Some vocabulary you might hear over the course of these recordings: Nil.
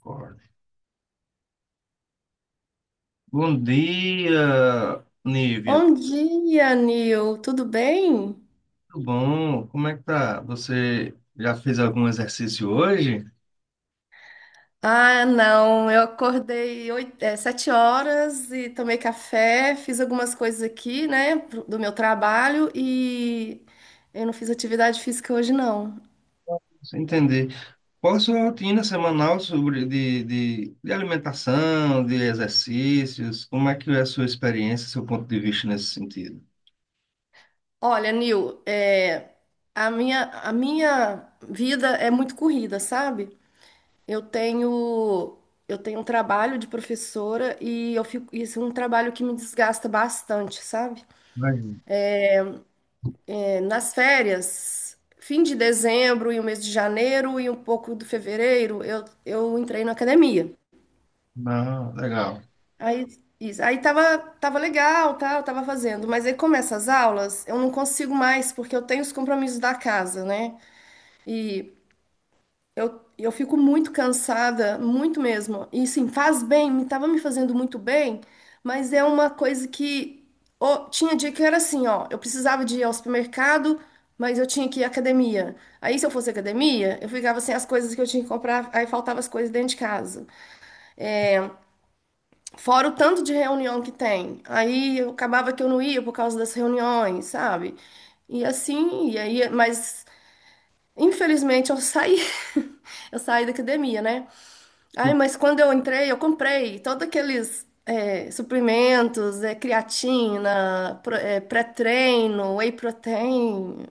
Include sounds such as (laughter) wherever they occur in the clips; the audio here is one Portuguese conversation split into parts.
Concordo. Bom dia, Nívia. Bom dia, Nil. Tudo bem? Tudo bom? Como é que tá? Você já fez algum exercício hoje? Ah, não. Eu acordei oito, é, sete horas e tomei café, fiz algumas coisas aqui, né, do meu trabalho e eu não fiz atividade física hoje, não. Sem entender. Qual a sua rotina semanal sobre de alimentação, de exercícios? Como é que é a sua experiência, seu ponto de vista nesse sentido? Olha, Nil, a minha vida é muito corrida, sabe? Eu tenho, eu tenho um trabalho de professora e eu fico, isso é um trabalho que me desgasta bastante, sabe? Imagino. É, nas férias, fim de dezembro e o mês de janeiro e um pouco do fevereiro, eu entrei na academia. Ah, legal. Aí, isso, aí tava legal, tá, eu tava fazendo. Mas aí começa as aulas, eu não consigo mais, porque eu tenho os compromissos da casa, né? E eu fico muito cansada, muito mesmo. E sim, faz bem, me fazendo muito bem, mas é uma coisa que ô, tinha dia que era assim, ó, eu precisava de ir ao supermercado, mas eu tinha que ir à academia. Aí se eu fosse à academia, eu ficava sem as coisas que eu tinha que comprar, aí faltava as coisas dentro de casa. Fora o tanto de reunião que tem. Aí eu acabava que eu não ia por causa das reuniões, sabe? E assim, e aí, mas infelizmente eu saí, (laughs) eu saí da academia, né? Ai, mas quando eu entrei, eu comprei todos aqueles é, suplementos, é, creatina, pré-treino, whey protein.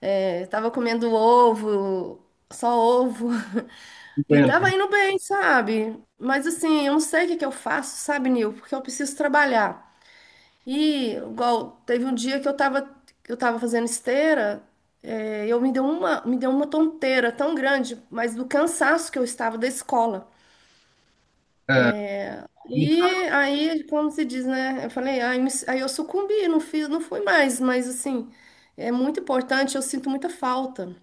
É, tava comendo ovo, só ovo. (laughs) E Entendo. tava indo bem, sabe? Mas assim, eu não sei o que que eu faço, sabe, Nil? Porque eu preciso trabalhar. E, igual, teve um dia que eu tava fazendo esteira, é, eu me deu uma tonteira tão grande, mas do cansaço que eu estava da escola. E aí, como se diz, né? Eu falei, aí, eu sucumbi, não fiz, não fui mais, mas assim, é muito importante, eu sinto muita falta.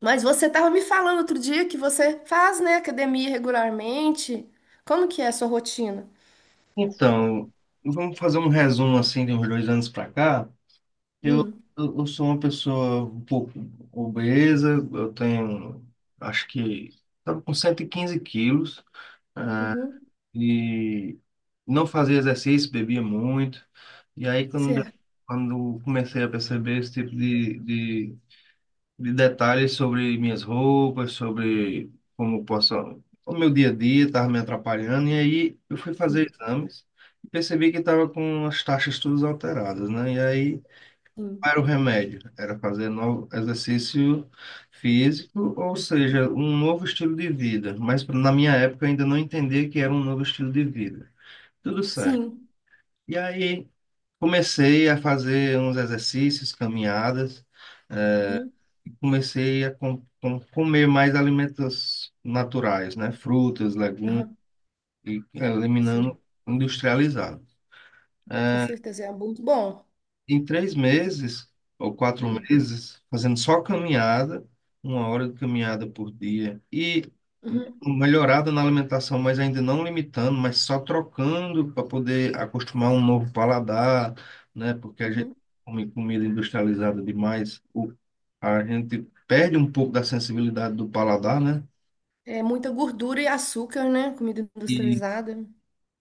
Mas você estava me falando outro dia que você faz, né, academia regularmente. Como que é a sua rotina? Então, vamos fazer um resumo assim de uns dois anos para cá. Eu, Hum, eu sou uma pessoa um pouco obesa, eu tenho, acho que, estava com 115 quilos uhum, e não fazia exercício, bebia muito. E aí, certo. quando comecei a perceber esse tipo de detalhes sobre minhas roupas, sobre como eu posso, o meu dia a dia estava me atrapalhando, e aí eu fui Sim, fazer exames e percebi que estava com as taxas todas alteradas, né? E aí sim. não era o remédio? Era fazer novo exercício físico, ou seja, um novo estilo de vida. Mas na minha época eu ainda não entendia que era um novo estilo de vida. Tudo certo. Sim. E aí comecei a fazer uns exercícios, caminhadas, Uhum. e comecei a comer mais alimentos naturais, né? Frutas, legumes, Aham, e sim. eliminando industrializado. Com certeza é muito bom. Em 3 meses ou quatro Uhum. meses, fazendo só caminhada, 1 hora de caminhada por dia, e Uhum. melhorada na alimentação, mas ainda não limitando, mas só trocando para poder acostumar um novo paladar, né? Porque a gente Uhum. come comida industrializada demais, a gente perde um pouco da sensibilidade do paladar, né? É muita gordura e açúcar, né? Comida E, industrializada.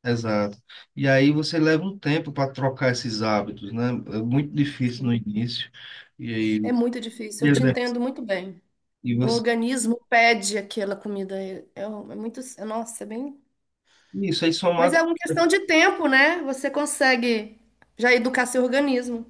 exato. E aí você leva um tempo para trocar esses hábitos, né? É muito difícil no Sim. início. E aí, É muito difícil. Eu te entendo muito bem. E O você, organismo pede aquela comida. Nossa, é bem. isso aí Mas somado, é uma questão de tempo, né? Você consegue já educar seu organismo.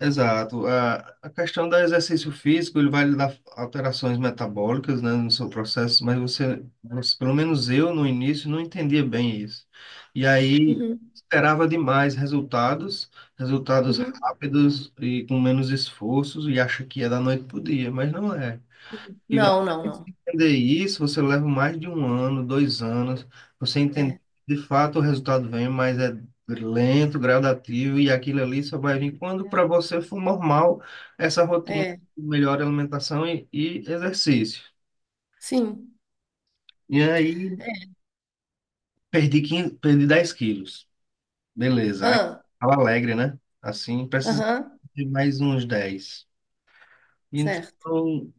exato. A questão do exercício físico, ele vai lhe dar alterações metabólicas, né, no seu processo, mas pelo menos eu no início não entendia bem isso. E aí Uhum, esperava demais resultados, resultados uhum. rápidos e com menos esforços e acha que é da noite pro dia, mas não é. E até Não, não, você não. entender isso, você leva mais de um ano, dois anos, você entender, que, É, de fato o resultado vem, mas é lento, gradativo, e aquilo ali só vai vir quando para você for normal essa rotina é. de melhor alimentação e exercício. Sim. E aí, perdi 15, perdi 10 quilos. Beleza. Aí, Ah, tava alegre, né? Assim, precisa aham, de mais uns 10. certo. Então,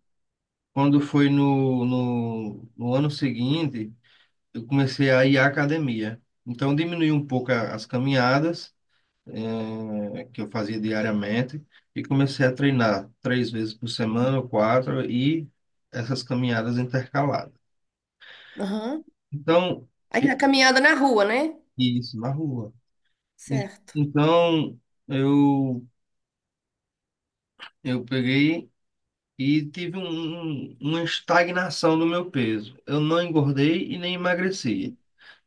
quando foi no ano seguinte, eu comecei a ir à academia. Então, diminui um pouco as caminhadas, que eu fazia diariamente, e comecei a treinar 3 vezes por semana, ou quatro, e essas caminhadas intercaladas. Aham. Então, Aí eu- a caminhada na rua, né? isso, na rua. En- Certo. Então, eu, eu peguei e tive uma estagnação no meu peso. Eu não engordei e nem emagreci. Uhum.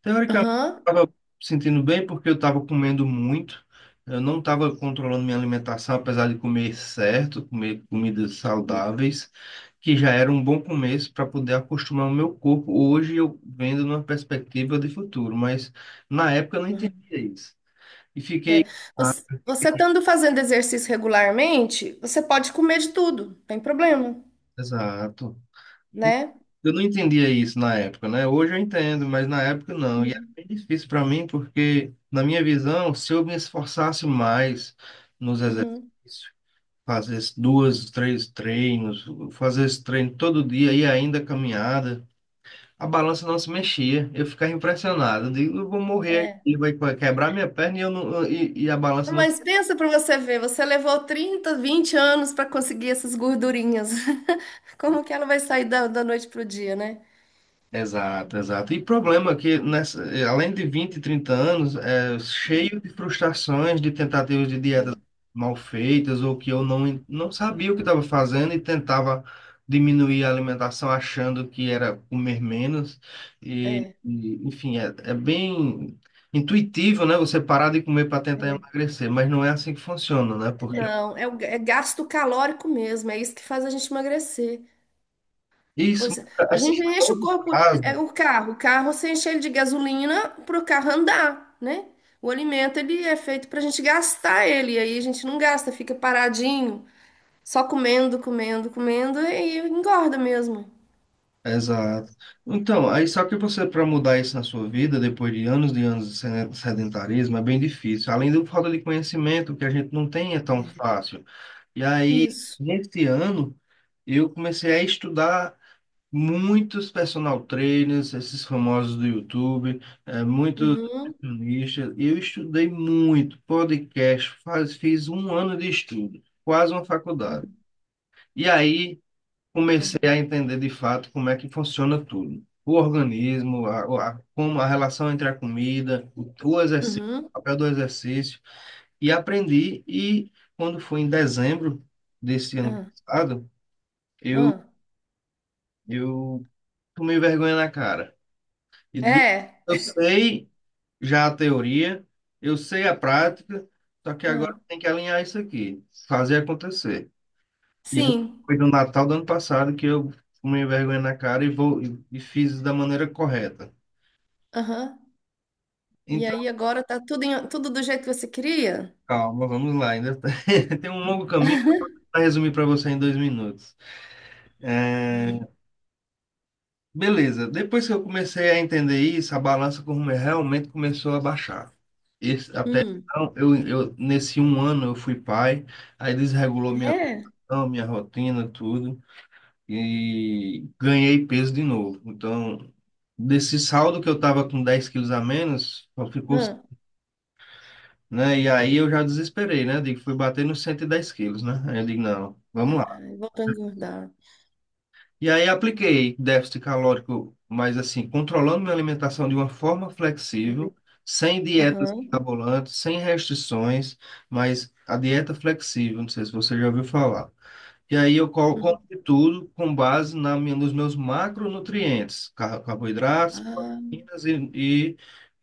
Teoricamente, Aham. eu estava sentindo bem porque eu estava comendo muito. Eu não estava controlando minha alimentação, apesar de comer certo, comer comidas saudáveis, que já era um bom começo para poder acostumar o meu corpo. Hoje eu vendo numa perspectiva de futuro, mas na época eu não entendia Aham. isso. E É. fiquei. Ah, Você, você estando fazendo exercício regularmente, você pode comer de tudo, não tem problema, exato. né? Eu não entendia isso na época, né? Hoje eu entendo, mas na época não. E era Uhum. bem difícil para mim, porque, na minha visão, se eu me esforçasse mais nos Uhum. exercícios, fazer as duas, três treinos, fazer esse treino todo dia e ainda caminhada, a balança não se mexia. Eu ficava impressionado. Eu digo, eu vou morrer aqui, vai quebrar minha perna e, eu não, e a balança não. Mas pensa para você ver, você levou 30, 20 anos para conseguir essas gordurinhas. (laughs) Como que ela vai sair da, da noite pro dia, né? Exato, exato. E problema que, nessa, além de 20, 30 anos, é cheio de frustrações, de tentativas de É, dietas mal feitas, ou que eu não, não sabia o que estava fazendo e tentava diminuir a alimentação achando que era comer menos. É, Enfim, é bem intuitivo, né? Você parar de comer para tentar é. emagrecer, mas não é assim que funciona, né? Porque Não, é, é gasto calórico mesmo, é isso que faz a gente emagrecer. isso, Você, a assim, gente a enche o longo corpo, é prazo, o carro você enche ele de gasolina para o carro andar, né? O alimento ele é feito para a gente gastar ele, e aí a gente não gasta, fica paradinho, só comendo, comendo, comendo e engorda mesmo. exato. Então, aí só que você, para mudar isso na sua vida, depois de anos e anos de sedentarismo, é bem difícil. Além do falta de conhecimento, que a gente não tem é tão fácil. E aí, Isso. nesse ano, eu comecei a estudar muitos personal trainers, esses famosos do YouTube, é, muitos Uhum. nutricionistas. E eu estudei muito podcast, fiz um ano de estudo, quase uma faculdade. Uhum. E aí comecei a entender de fato como é que funciona tudo. O organismo, como a relação entre a comida, o exercício, o Uhum. papel do exercício. E aprendi, e quando foi em dezembro desse ano Ah, passado, eu, ah. eu tomei vergonha na cara. E digo, É. eu sei já a teoria, eu sei a prática, só que agora Ah. tem que alinhar isso aqui, fazer acontecer. E essa Sim. foi do Natal do ano passado que eu fumei vergonha na cara e vou e fiz da maneira correta. Aham. E Então, aí agora tá tudo, tudo do jeito que você queria? calma, vamos lá. (laughs) Tem um longo caminho para resumir para você em 2 minutos. É, beleza, depois que eu comecei a entender isso, a balança como realmente começou a baixar. Esse, até Hum. então, nesse um ano eu fui pai, aí desregulou minha, É. alimentação, minha rotina, tudo. E ganhei peso de novo. Então, desse saldo que eu tava com 10 quilos a menos, só ficou, Ah. né? E aí eu já desesperei, né? Digo, fui bater nos 110 quilos, né? Aí eu digo, não, vamos lá. Ai, voltou a engordar. E aí apliquei déficit calórico, mas assim, controlando minha alimentação de uma forma flexível, sem dietas Aham. mirabolantes, sem restrições, mas a dieta flexível, não sei se você já ouviu falar. E aí eu Uhum. como de tudo com base na minha, nos meus macronutrientes, carboidratos, Ah, proteínas e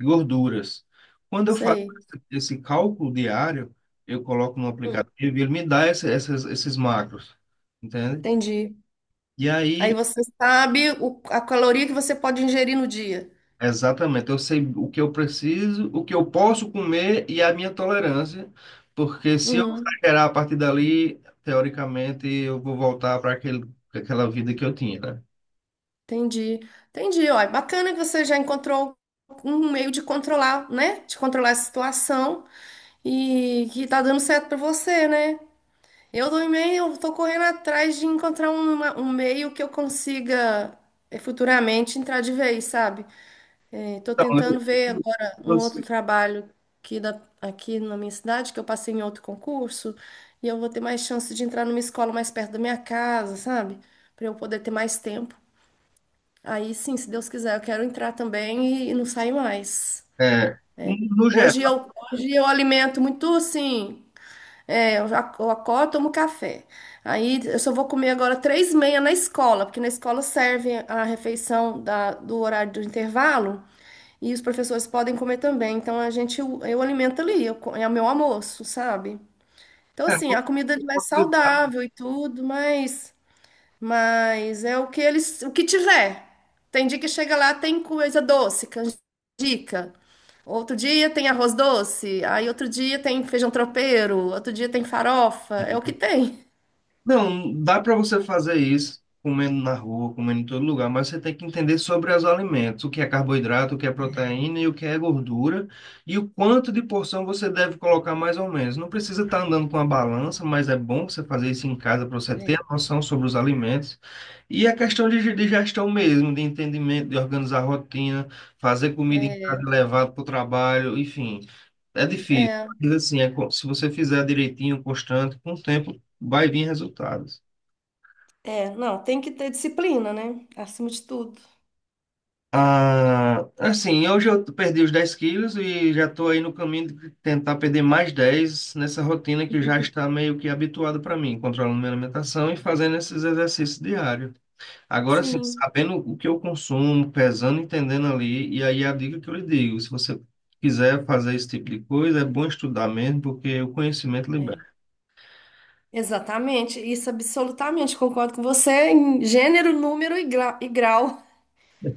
gorduras. Quando eu faço sei. esse cálculo diário, eu coloco no Hum. aplicativo e ele me dá esses macros, entende? Entendi. E Aí aí, você sabe a caloria que você pode ingerir no dia. exatamente, eu sei o que eu preciso, o que eu posso comer e a minha tolerância, porque se eu Uhum. exagerar a partir dali, teoricamente, eu vou voltar para aquele, aquela vida que eu tinha, né? Entendi. Entendi. Ó, é bacana que você já encontrou um meio de controlar, né? De controlar a situação. E que tá dando certo pra você, né? Eu do também, eu tô correndo atrás de encontrar um meio que eu consiga eh, futuramente entrar de vez, sabe? Eh, tô Então, tentando ver agora um eu- outro você- trabalho aqui, da, aqui na minha cidade, que eu passei em outro concurso, e eu vou ter mais chance de entrar numa escola mais perto da minha casa, sabe? Pra eu poder ter mais tempo. Aí sim, se Deus quiser, eu quero entrar também e não sair mais. é, no geral, Hoje eu alimento muito, assim. Eu acordo, tomo café. Aí eu só vou comer agora 3:30 na escola, porque na escola serve a refeição do horário do intervalo e os professores podem comer também. Então a gente, eu alimento ali, é o meu almoço, sabe? Então é, assim, a no- comida ali vai saudável e tudo, mas é o que eles, o que tiver. Tem dia que chega lá, tem coisa doce, canjica. Outro dia tem arroz doce, aí outro dia tem feijão tropeiro, outro dia tem farofa, é o que tem. não, dá para você fazer isso comendo na rua, comendo em todo lugar, mas você tem que entender sobre os alimentos, o que é carboidrato, o que é proteína e o que é gordura, e o quanto de porção você deve colocar mais ou menos. Não precisa estar andando com a balança, mas é bom você fazer isso em casa para você ter É. a noção sobre os alimentos. E a questão de gestão mesmo, de entendimento, de organizar a rotina, fazer comida em casa, É, levar para o trabalho, enfim. É difícil, é, mas assim, se você fizer direitinho, constante, com o tempo vai vir resultados. Não, tem que ter disciplina, né? Acima de tudo. Ah, assim, hoje eu perdi os 10 quilos e já estou aí no caminho de tentar perder mais 10 nessa rotina que já Uhum. está meio que habituada para mim, controlando minha alimentação e fazendo esses exercícios diários. Agora, assim, Sim, sabendo o que eu consumo, pesando, entendendo ali, e aí a dica que eu lhe digo, se você quiser fazer esse tipo de coisa, é bom estudar mesmo, porque o conhecimento é. libera. Exatamente. Isso absolutamente concordo com você em gênero, número e grau.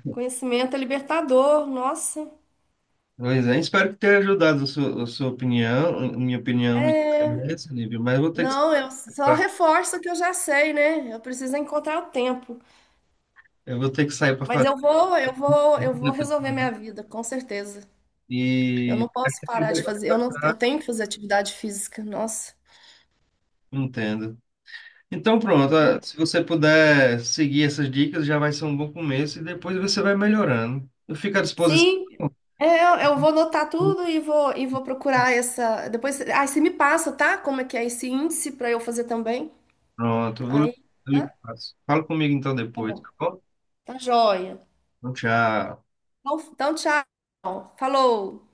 Conhecimento é libertador, nossa. Pois é, espero que tenha ajudado a sua opinião, a minha opinião me interessa, Lívia, mas eu vou ter que sair Não, eu só pra, reforço o que eu já sei, né? Eu preciso encontrar o tempo. eu vou ter que sair para Mas fazer eu vou compra resolver minha também. vida, com certeza. Eu E não a posso gente parar vai de fazer. Eu não, eu conversar. tenho que fazer atividade física. Nossa. Entendo. Então pronto, ah, se você puder seguir essas dicas, já vai ser um bom começo e depois você vai melhorando. Eu fico à disposição. Sim, eu vou anotar tudo e vou procurar essa. Depois, aí você me passa, tá? Como é que é esse índice para eu fazer também? Pronto, Aí, eu tá? lhe passo. Fala comigo então Tá depois, bom. tá bom? Tá joia. Então, tchau. Então, então, tchau. Falou.